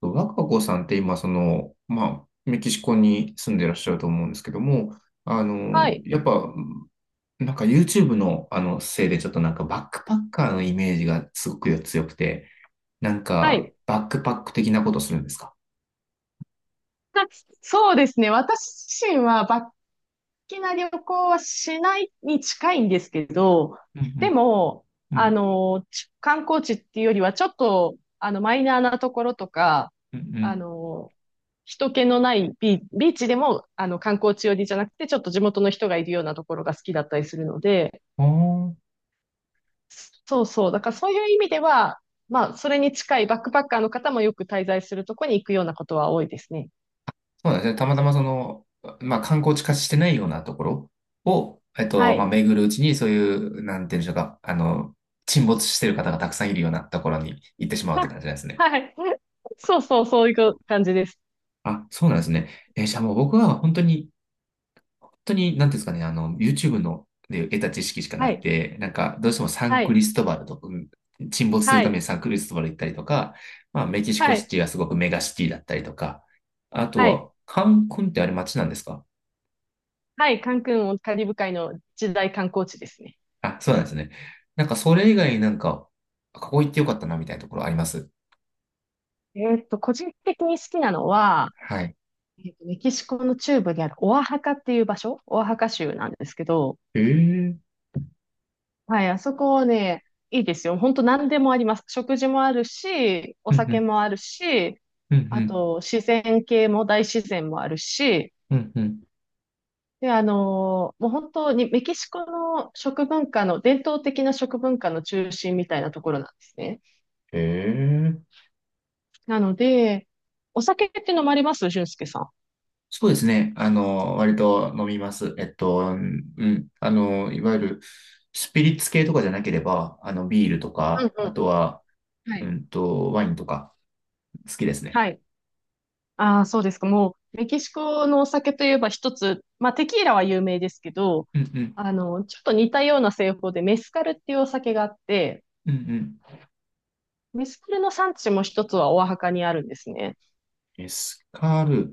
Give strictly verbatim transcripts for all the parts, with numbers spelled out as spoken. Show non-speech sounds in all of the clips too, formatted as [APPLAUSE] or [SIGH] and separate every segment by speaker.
Speaker 1: 若子さんって今、その、まあ、メキシコに住んでらっしゃると思うんですけども、あ
Speaker 2: は
Speaker 1: の、
Speaker 2: い。
Speaker 1: やっぱ、なんか YouTube のあのせいでちょっとなんかバックパッカーのイメージがすごく強くて、なん
Speaker 2: は
Speaker 1: か
Speaker 2: い。
Speaker 1: バックパック的なことするんですか？
Speaker 2: たそうですね。私自身は、バッキな旅行はしないに近いんですけど、
Speaker 1: う
Speaker 2: で
Speaker 1: ん
Speaker 2: も、
Speaker 1: うんう
Speaker 2: あ
Speaker 1: ん
Speaker 2: の、ち観光地っていうよりは、ちょっと、あの、マイナーなところとか、
Speaker 1: う
Speaker 2: あ
Speaker 1: ん
Speaker 2: の、人気のないビー、ビーチでも、あの、観光地寄りじゃなくて、ちょっと地元の人がいるようなところが好きだったりするので、
Speaker 1: うん。あ、
Speaker 2: そうそう。だからそういう意味では、まあ、それに近いバックパッカーの方もよく滞在するとこに行くようなことは多いですね。
Speaker 1: そうなんですね。たまたまその、まあ観光地化してないようなところを、えっ
Speaker 2: は
Speaker 1: と、まあ
Speaker 2: い。
Speaker 1: 巡るうちにそういう、なんていうんでしょうか、あの、沈没してる方がたくさんいるようなところに行ってし
Speaker 2: [LAUGHS]
Speaker 1: まうって
Speaker 2: は、
Speaker 1: 感じなんですね。
Speaker 2: はい。そうそう、そういう感じです。
Speaker 1: あ、そうなんですね。えーじゃあもう僕は本当に、本当に、なんていうんですかね、あの、YouTube ので得た知識しかな
Speaker 2: は
Speaker 1: く
Speaker 2: い。
Speaker 1: て、なんか、どうしてもサン
Speaker 2: は
Speaker 1: ク
Speaker 2: い。
Speaker 1: リストバルとか、うん、沈没する
Speaker 2: は
Speaker 1: ために
Speaker 2: い。
Speaker 1: サンクリストバル行ったりとか、まあ、メキシ
Speaker 2: は
Speaker 1: コシ
Speaker 2: い。
Speaker 1: ティはすごくメガシティだったりとか、あと
Speaker 2: はい。
Speaker 1: は、カンクンってあれ街なんですか？
Speaker 2: はい。カンクンもカリブ海の一大観光地ですね。
Speaker 1: あ、そうなんですね。なんか、それ以外になんか、ここ行ってよかったな、みたいなところあります？
Speaker 2: えーっと、個人的に好きなのは、
Speaker 1: はい。
Speaker 2: えーっと、メキシコの中部にあるオアハカっていう場所、オアハカ州なんですけど、
Speaker 1: ええ。
Speaker 2: はい、あそこね、いいですよ。本当何でもあります。食事もあるし、お
Speaker 1: うんう
Speaker 2: 酒
Speaker 1: ん、
Speaker 2: もあるし、
Speaker 1: うんう
Speaker 2: あ
Speaker 1: ん、
Speaker 2: と自然系も大自然もあるし、
Speaker 1: うんうん。
Speaker 2: で、あのーもう本当にメキシコの食文化の、伝統的な食文化の中心みたいなところなんですね。
Speaker 1: ええ、
Speaker 2: なので、お酒って飲まれます、俊介さん？
Speaker 1: そうですね。あの、割と飲みます。えっと、うんうん。あの、いわゆるスピリッツ系とかじゃなければ、あの、ビールと
Speaker 2: うんうん
Speaker 1: か、あと
Speaker 2: う
Speaker 1: は、
Speaker 2: ん。は
Speaker 1: う
Speaker 2: い。
Speaker 1: んと、ワインとか、好きですね。
Speaker 2: はい。ああ、そうですか。もう、メキシコのお酒といえば一つ、まあ、テキーラは有名ですけど、
Speaker 1: うんうん。
Speaker 2: あの、ちょっと似たような製法でメスカルっていうお酒があって、
Speaker 1: うんうん。
Speaker 2: メスカルの産地も一つはオアハカにあるんですね。
Speaker 1: メスカル。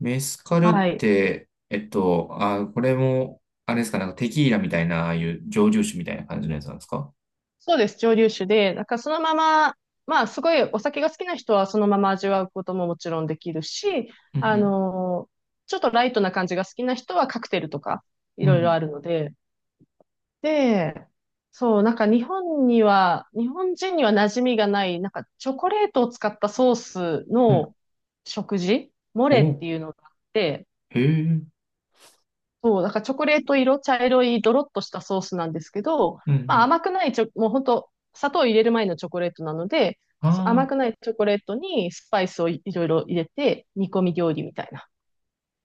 Speaker 1: メスカルっ
Speaker 2: はい。
Speaker 1: て、えっと、あ、これも、あれですか、なんかテキーラみたいな、ああいう蒸留酒みたいな感じのやつなんですか？
Speaker 2: そうです、蒸留酒で、なんかそのまま、まあすごいお酒が好きな人はそのまま味わうことももちろんできるし、
Speaker 1: うんう
Speaker 2: あ
Speaker 1: ん。
Speaker 2: のーちょっとライトな感じが好きな人はカクテルとかい
Speaker 1: うん
Speaker 2: ろいろ
Speaker 1: う
Speaker 2: あるので、で、そう、なんか日本には、日本人には馴染みがない、なんかチョコレートを使ったソース
Speaker 1: ん。うん。
Speaker 2: の食事、モ
Speaker 1: お、
Speaker 2: レっていうのがあって、
Speaker 1: へえ。うん
Speaker 2: そう、だからチョコレート色、茶色い、ドロッとしたソースなんですけど、
Speaker 1: う
Speaker 2: まあ
Speaker 1: ん。
Speaker 2: 甘くないチョ、もう本当砂糖を入れる前のチョコレートなので、
Speaker 1: あ
Speaker 2: そ甘く
Speaker 1: ー、
Speaker 2: ないチョコレートにスパイスをい、いろいろ入れて、煮込み料理みたいな。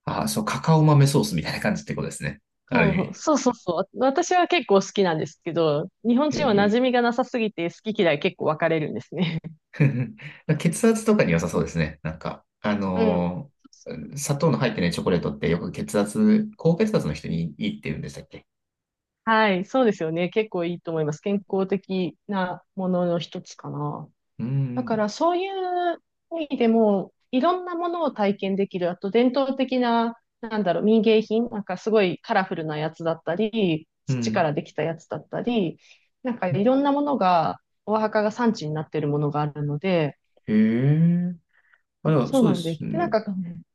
Speaker 1: あー、そう、カカオ豆ソースみたいな感じってことですね。ある意
Speaker 2: そ
Speaker 1: 味。
Speaker 2: う、そうそうそう。私は結構好きなんですけど、日本
Speaker 1: え
Speaker 2: 人は馴
Speaker 1: え
Speaker 2: 染みがなさすぎて好き嫌い結構分かれるんですね。[LAUGHS]
Speaker 1: [LAUGHS]、血圧とかに良さそうですね。なんか、あ
Speaker 2: うん。
Speaker 1: のー砂糖の入ってないチョコレートってよく血圧、高血圧の人にいいって言うんでしたっけ？
Speaker 2: はい、そうですよね。結構いいと思います。健康的なものの一つかな。
Speaker 1: う
Speaker 2: だか
Speaker 1: ん、
Speaker 2: らそういう意味でも、いろんなものを体験できる。あと伝統的な、なんだろう、民芸品、なんかすごいカラフルなやつだったり、
Speaker 1: う
Speaker 2: 土か
Speaker 1: ん。
Speaker 2: らできたやつだったり、なんかいろんなものが、お墓が産地になっているものがあるので、
Speaker 1: へえ。あ、でも
Speaker 2: そう
Speaker 1: そう
Speaker 2: な
Speaker 1: で
Speaker 2: んで
Speaker 1: す
Speaker 2: す。で、なん
Speaker 1: ね。
Speaker 2: か、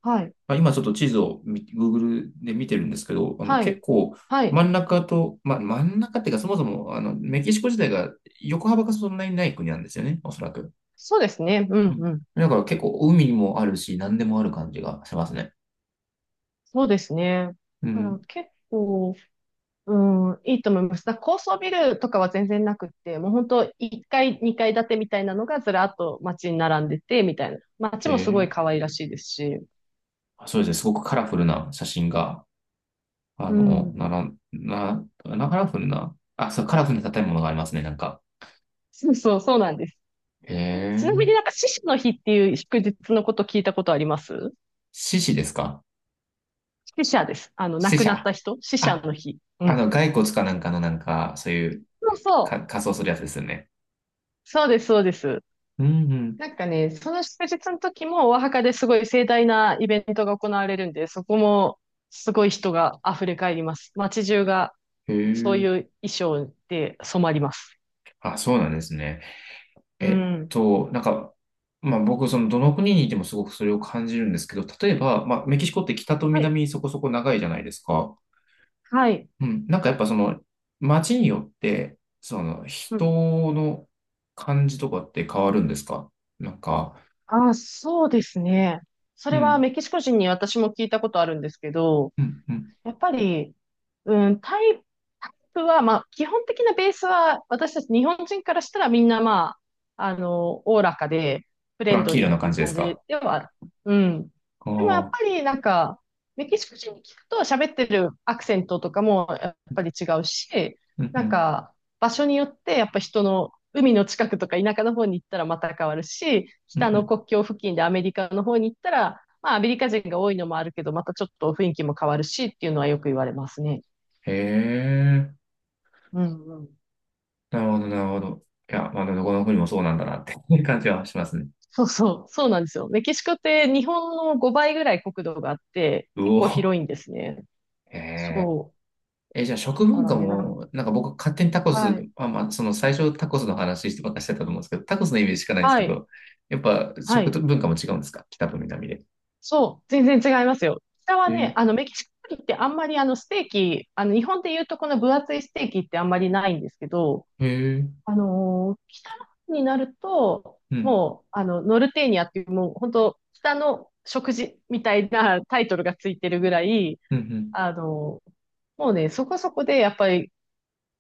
Speaker 2: はい、
Speaker 1: あ、今ちょっと地図をグ グーグル で見てるんですけど、あの、
Speaker 2: は
Speaker 1: 結
Speaker 2: い、
Speaker 1: 構
Speaker 2: は
Speaker 1: 真
Speaker 2: い。
Speaker 1: ん中と、ま、真ん中っていうかそもそも、あの、メキシコ自体が横幅がそんなにない国なんですよね、おそらく。
Speaker 2: そうですね。う
Speaker 1: う
Speaker 2: ん、
Speaker 1: ん。
Speaker 2: うん。
Speaker 1: だから結構海にもあるし、何でもある感じがしますね。
Speaker 2: そうですね。
Speaker 1: う
Speaker 2: だから
Speaker 1: ん。
Speaker 2: 結構、うん、いいと思います。だから高層ビルとかは全然なくって、もう本当いっかい、にかい建てみたいなのがずらっと街に並んでて、みたいな。街
Speaker 1: へ
Speaker 2: もすごい
Speaker 1: え。
Speaker 2: 可愛らしいですし。
Speaker 1: そうですね、すごくカラフルな写真が、あ
Speaker 2: う
Speaker 1: の、
Speaker 2: ん。
Speaker 1: なら、な、な、カラフルな、あ、そう、カラフルな建物がありますね、なんか。
Speaker 2: そうそう、そうなんです。
Speaker 1: へ
Speaker 2: ちなみ
Speaker 1: え。
Speaker 2: になんか死者の日っていう祝日のこと聞いたことあります？
Speaker 1: 獅子ですか？
Speaker 2: 死者です。あの、亡
Speaker 1: 死
Speaker 2: くなっ
Speaker 1: 者。
Speaker 2: た人死者
Speaker 1: あ、
Speaker 2: の日。う
Speaker 1: あ
Speaker 2: ん。
Speaker 1: の、骸骨かなんかのなんか、そういう、
Speaker 2: そうそう。
Speaker 1: か、仮装するやつですよね。
Speaker 2: そうです、そうです。
Speaker 1: うんうん。
Speaker 2: なんかね、その祝日の時もお墓ですごい盛大なイベントが行われるんで、そこもすごい人が溢れ返ります。街中が
Speaker 1: へ
Speaker 2: そうい
Speaker 1: え。
Speaker 2: う衣装で染まります。
Speaker 1: あ、そうなんですね。
Speaker 2: う
Speaker 1: えっ
Speaker 2: ん。
Speaker 1: と、なんか、まあ僕、その、どの国にいてもすごくそれを感じるんですけど、例えば、まあ、メキシコって北と
Speaker 2: はい。
Speaker 1: 南そこそこ長いじゃないですか。
Speaker 2: はい。
Speaker 1: うん、なんかやっぱその街によって、その
Speaker 2: う
Speaker 1: 人
Speaker 2: ん。
Speaker 1: の感じとかって変わるんですか？なんか。
Speaker 2: あ、そうですね。そ
Speaker 1: う
Speaker 2: れは
Speaker 1: ん、
Speaker 2: メキシコ人に私も聞いたことあるんですけど、
Speaker 1: うん、うん。
Speaker 2: やっぱり、うん、タイプタイプは、まあ、基本的なベースは、私たち日本人からしたらみんな、まあ、あの、おおらかで、フ
Speaker 1: ト
Speaker 2: レ
Speaker 1: ラ
Speaker 2: ン
Speaker 1: ン
Speaker 2: ド
Speaker 1: キーラ
Speaker 2: リー
Speaker 1: な
Speaker 2: って
Speaker 1: 感
Speaker 2: いう
Speaker 1: じで
Speaker 2: 感
Speaker 1: すか？
Speaker 2: じではある。うん。
Speaker 1: ああ
Speaker 2: でもやっぱ
Speaker 1: ー、
Speaker 2: り、なんか、メキシコ人に聞くと喋ってるアクセントとかもやっぱり違うし、
Speaker 1: うん、う
Speaker 2: なん
Speaker 1: ん、
Speaker 2: か、場所によって、やっぱ人の、海の近くとか田舎の方に行ったらまた変わるし、
Speaker 1: うん、
Speaker 2: 北
Speaker 1: う
Speaker 2: の
Speaker 1: ん。
Speaker 2: 国境付近でアメリカの方に行ったら、まあ、アメリカ人が多いのもあるけど、またちょっと雰囲気も変わるしっていうのはよく言われますね。
Speaker 1: へえ、
Speaker 2: うんうん。
Speaker 1: なるほど、なるほど。いや、まあ、どこの国もそうなんだなって [LAUGHS] いう感じはしますね。
Speaker 2: そうそう、そうなんですよ。メキシコって日本のごばいぐらい国土があって、
Speaker 1: う
Speaker 2: 結構
Speaker 1: お、
Speaker 2: 広いんですね。
Speaker 1: へえ。
Speaker 2: そ
Speaker 1: え、じゃあ
Speaker 2: う。
Speaker 1: 食
Speaker 2: だか
Speaker 1: 文
Speaker 2: ら
Speaker 1: 化
Speaker 2: ね、な、
Speaker 1: も、なんか僕勝手にタコス、
Speaker 2: はい。
Speaker 1: まあ、まあ、その最初タコスの話してばっかりしてたと思うんですけど、タコスのイメージしかないんです
Speaker 2: は
Speaker 1: け
Speaker 2: い、
Speaker 1: ど、やっぱ
Speaker 2: は
Speaker 1: 食
Speaker 2: い。
Speaker 1: 文化も違うんですか北と南で？
Speaker 2: そう、全然違いますよ。北は
Speaker 1: え
Speaker 2: ね、
Speaker 1: ー、
Speaker 2: あの、メキシコ料理ってあんまりあの、ステーキ、あの、日本で言うとこの分厚いステーキってあんまりないんですけど、
Speaker 1: へえ、
Speaker 2: あのー北の方になると、
Speaker 1: うん、
Speaker 2: もう、あの、ノルテーニアっていう、もう、本当北の食事みたいなタイトルがついてるぐらい、
Speaker 1: うん、うん、
Speaker 2: あのーもうね、そこそこで、やっぱり、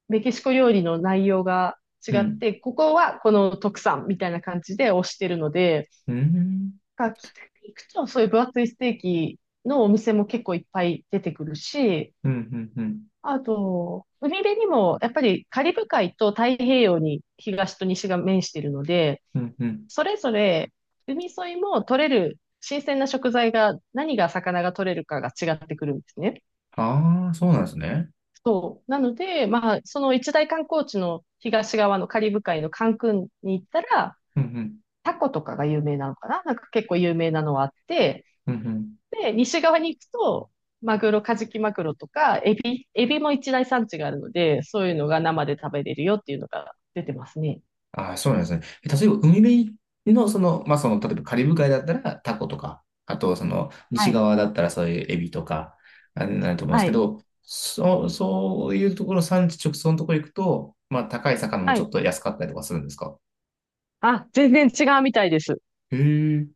Speaker 2: メキシコ料理の内容が違
Speaker 1: う
Speaker 2: っ
Speaker 1: ん、
Speaker 2: て、ここはこの特産みたいな感じで推してるので、
Speaker 1: うん、うん、
Speaker 2: が北に行くと、そういう分厚いステーキのお店も結構いっぱい出てくるし、
Speaker 1: うん、うん、
Speaker 2: あと、海辺にも、やっぱりカリブ海と太平洋に東と西が面しているので、
Speaker 1: うん、うん。
Speaker 2: それぞれ海沿いも取れる新鮮な食材が、何が魚が取れるかが違ってくるんですね。
Speaker 1: ああ、そうなんですね。
Speaker 2: そう。なので、まあ、その一大観光地の東側のカリブ海のカンクンに行ったら、
Speaker 1: うん、うん、
Speaker 2: タコとかが有名なのかななんか結構有名なのはあって、
Speaker 1: うん、うん。
Speaker 2: で、西側に行くと、マグロ、カジキマグロとか、エビ、エビも一大産地があるので、そういうのが生で食べれるよっていうのが出てますね。
Speaker 1: ああ、そうなんですね。え例えば、海辺の、その、まあ、その、例えばカリブ海だったらタコとか、あと、その、
Speaker 2: は
Speaker 1: 西
Speaker 2: い。
Speaker 1: 側だったらそういうエビとか、あれになると思うんです
Speaker 2: は
Speaker 1: け
Speaker 2: い。
Speaker 1: ど、そう、そういうところ、産地直送のところ行くと、まあ、高い魚も
Speaker 2: は
Speaker 1: ちょっ
Speaker 2: い。
Speaker 1: と安かったりとかするんですか？
Speaker 2: あ、全然違うみたいです。
Speaker 1: へえ、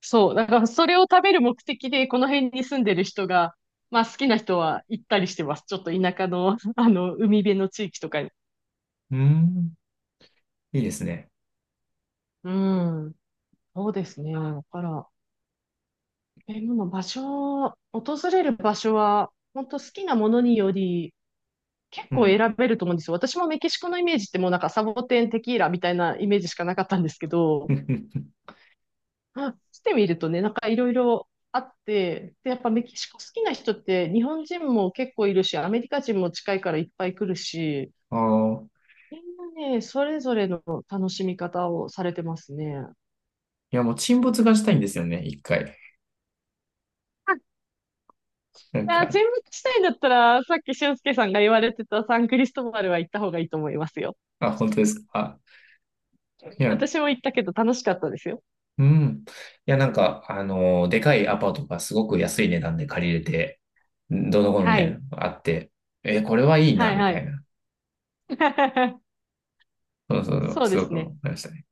Speaker 2: そう。だからそれを食べる目的で、この辺に住んでる人が、まあ好きな人は行ったりしてます。ちょっと田舎の、[LAUGHS] あの、海辺の地域とかに。
Speaker 1: うん、いいですね。
Speaker 2: うん。そうですね。だから、え、でも場所、訪れる場所は、本当好きなものにより、結
Speaker 1: う
Speaker 2: 構
Speaker 1: ん。
Speaker 2: 選べると思うんですよ。私もメキシコのイメージってもうなんかサボテン、テキーラみたいなイメージしかなかったんですけど、
Speaker 1: [LAUGHS]
Speaker 2: あしてみるとね、なんかいろいろあって、で、やっぱメキシコ好きな人って日本人も結構いるし、アメリカ人も近いからいっぱい来るし、
Speaker 1: ああ。
Speaker 2: みんなね、それぞれの楽しみ方をされてますね。
Speaker 1: いや、もう沈没がしたいんですよね、いっかい。
Speaker 2: あ、
Speaker 1: なん
Speaker 2: あ注
Speaker 1: か、
Speaker 2: 目したいんだったら、さっき俊介さんが言われてたサンクリストバルは行った方がいいと思いますよ。
Speaker 1: あ、本当ですか？いや、
Speaker 2: 私も行ったけど楽しかったですよ。
Speaker 1: うん。いや、なんか、あの、でかいアパートがすごく安い値段で借りれて、どうのこうのみ
Speaker 2: は
Speaker 1: たいな
Speaker 2: い。
Speaker 1: のがあって、え、これはいい
Speaker 2: は
Speaker 1: な、
Speaker 2: い
Speaker 1: み
Speaker 2: は
Speaker 1: たい
Speaker 2: い。
Speaker 1: な。
Speaker 2: [LAUGHS]
Speaker 1: そうそうそう、
Speaker 2: そう
Speaker 1: す
Speaker 2: で
Speaker 1: ご
Speaker 2: す
Speaker 1: く思
Speaker 2: ね。
Speaker 1: いましたね。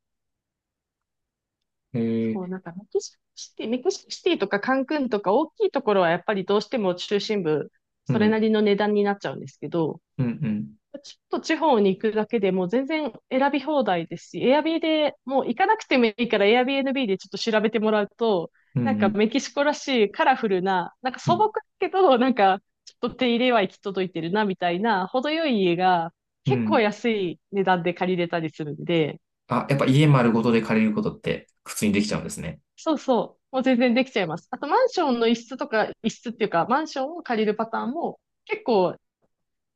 Speaker 1: え
Speaker 2: そう、
Speaker 1: ー、
Speaker 2: なんかメキシコシティ、メキシコシティとかカンクンとか大きいところはやっぱりどうしても中心部、
Speaker 1: う
Speaker 2: それな
Speaker 1: ん、
Speaker 2: りの値段になっちゃうんですけど、
Speaker 1: うん、うん、
Speaker 2: ちょっと地方に行くだけでもう全然選び放題ですし、エアビーでもう行かなくてもいいから Airbnb でちょっと調べてもらうと、
Speaker 1: うん、
Speaker 2: なん
Speaker 1: う
Speaker 2: か
Speaker 1: ん、
Speaker 2: メキシコらしいカラフルな、なんか
Speaker 1: う
Speaker 2: 素朴
Speaker 1: ん、
Speaker 2: だけど、なんかちょっと手入れは行き届いてるなみたいな、程よい家が
Speaker 1: う
Speaker 2: 結構
Speaker 1: ん。
Speaker 2: 安い値段で借りれたりするんで、
Speaker 1: あ、やっぱ家丸ごとで借りることって普通にできちゃうんですね。
Speaker 2: そうそう。もう全然できちゃいます。あと、マンションの一室とか、一室っていうか、マンションを借りるパターンも、結構、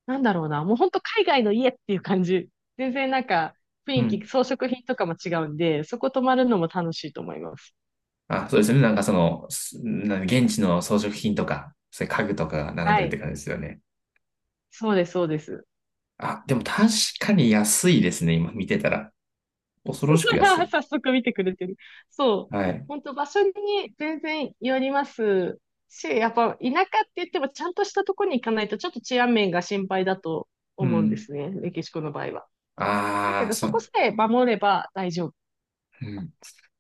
Speaker 2: なんだろうな、もう本当海外の家っていう感じ。全然なんか、雰
Speaker 1: う
Speaker 2: 囲気、
Speaker 1: ん。
Speaker 2: 装飾品とかも違うんで、そこ泊まるのも楽しいと思います。
Speaker 1: あ、そうですね。なんかその、すなん現地の装飾品とか、そういう家具とかが並ん
Speaker 2: は
Speaker 1: でるって
Speaker 2: い。
Speaker 1: 感じですよね。
Speaker 2: そうです、そうです。
Speaker 1: あ、でも確かに安いですね、今見てたら。恐ろしく安
Speaker 2: [LAUGHS]
Speaker 1: い。
Speaker 2: 早速見てくれてる。そう。
Speaker 1: はい。
Speaker 2: 本当場所に全然よりますし、やっぱ田舎って言ってもちゃんとしたところに行かないとちょっと治安面が心配だと
Speaker 1: う
Speaker 2: 思うんで
Speaker 1: ん。
Speaker 2: すね。メキシコの場合は。だけ
Speaker 1: ああ、
Speaker 2: ど、
Speaker 1: そ
Speaker 2: そこ
Speaker 1: う。
Speaker 2: さえ守れば大丈夫
Speaker 1: うん。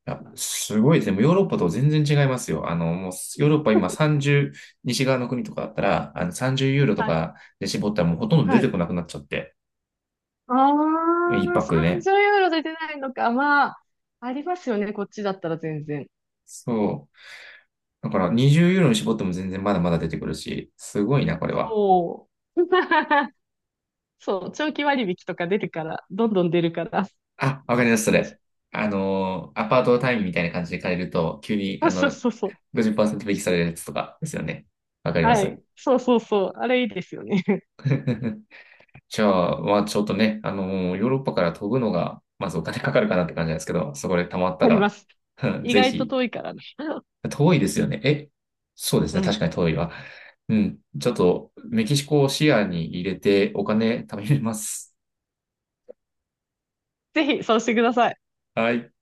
Speaker 1: あ、
Speaker 2: なの。
Speaker 1: すごいですね。もうヨーロッパと全然違いますよ。あの、もうヨーロッパ今
Speaker 2: [LAUGHS]
Speaker 1: さんじゅう、西側の国とかだったら、あのさんじゅうユーロと
Speaker 2: はい。
Speaker 1: かで絞ったらもうほとんど出
Speaker 2: は
Speaker 1: て
Speaker 2: い。
Speaker 1: こなくなっちゃって。
Speaker 2: あ
Speaker 1: 一
Speaker 2: あ、
Speaker 1: 泊でね。
Speaker 2: さんじゅうユーロで出ないのか。まあ、ありますよね。こっちだったら全然。
Speaker 1: そう。だからにじゅうユーロに絞っても全然まだまだ出てくるし、すごいな、これは。
Speaker 2: そう。[LAUGHS] そう。長期割引とか出てから、どんどん出るから、
Speaker 1: あ、わ
Speaker 2: お
Speaker 1: かりま
Speaker 2: す
Speaker 1: す、そ
Speaker 2: すめし。
Speaker 1: れ。あのー、アパート単位みたいな感じで借りると、急に、あ
Speaker 2: あ、そう
Speaker 1: の、
Speaker 2: そうそう。
Speaker 1: ごじゅっパーセント引きされるやつとかですよね。わかりま
Speaker 2: は
Speaker 1: す。
Speaker 2: い。そうそうそう。あれいいですよね。[LAUGHS]
Speaker 1: [LAUGHS] じゃあ、まあちょっとね、あのーヨーロッパから飛ぶのが、まずお金かかるかなって感じなんですけど、そこで貯まった
Speaker 2: ありま
Speaker 1: ら、
Speaker 2: す。
Speaker 1: [LAUGHS]
Speaker 2: 意
Speaker 1: ぜ
Speaker 2: 外と
Speaker 1: ひ。
Speaker 2: 遠いからね。
Speaker 1: 遠いですよね。え、そうです
Speaker 2: う
Speaker 1: ね。確
Speaker 2: ん。
Speaker 1: かに遠いわ。うん。ちょっと、メキシコを視野に入れてお金貯めます。
Speaker 2: ぜひ、そうしてください。
Speaker 1: はい。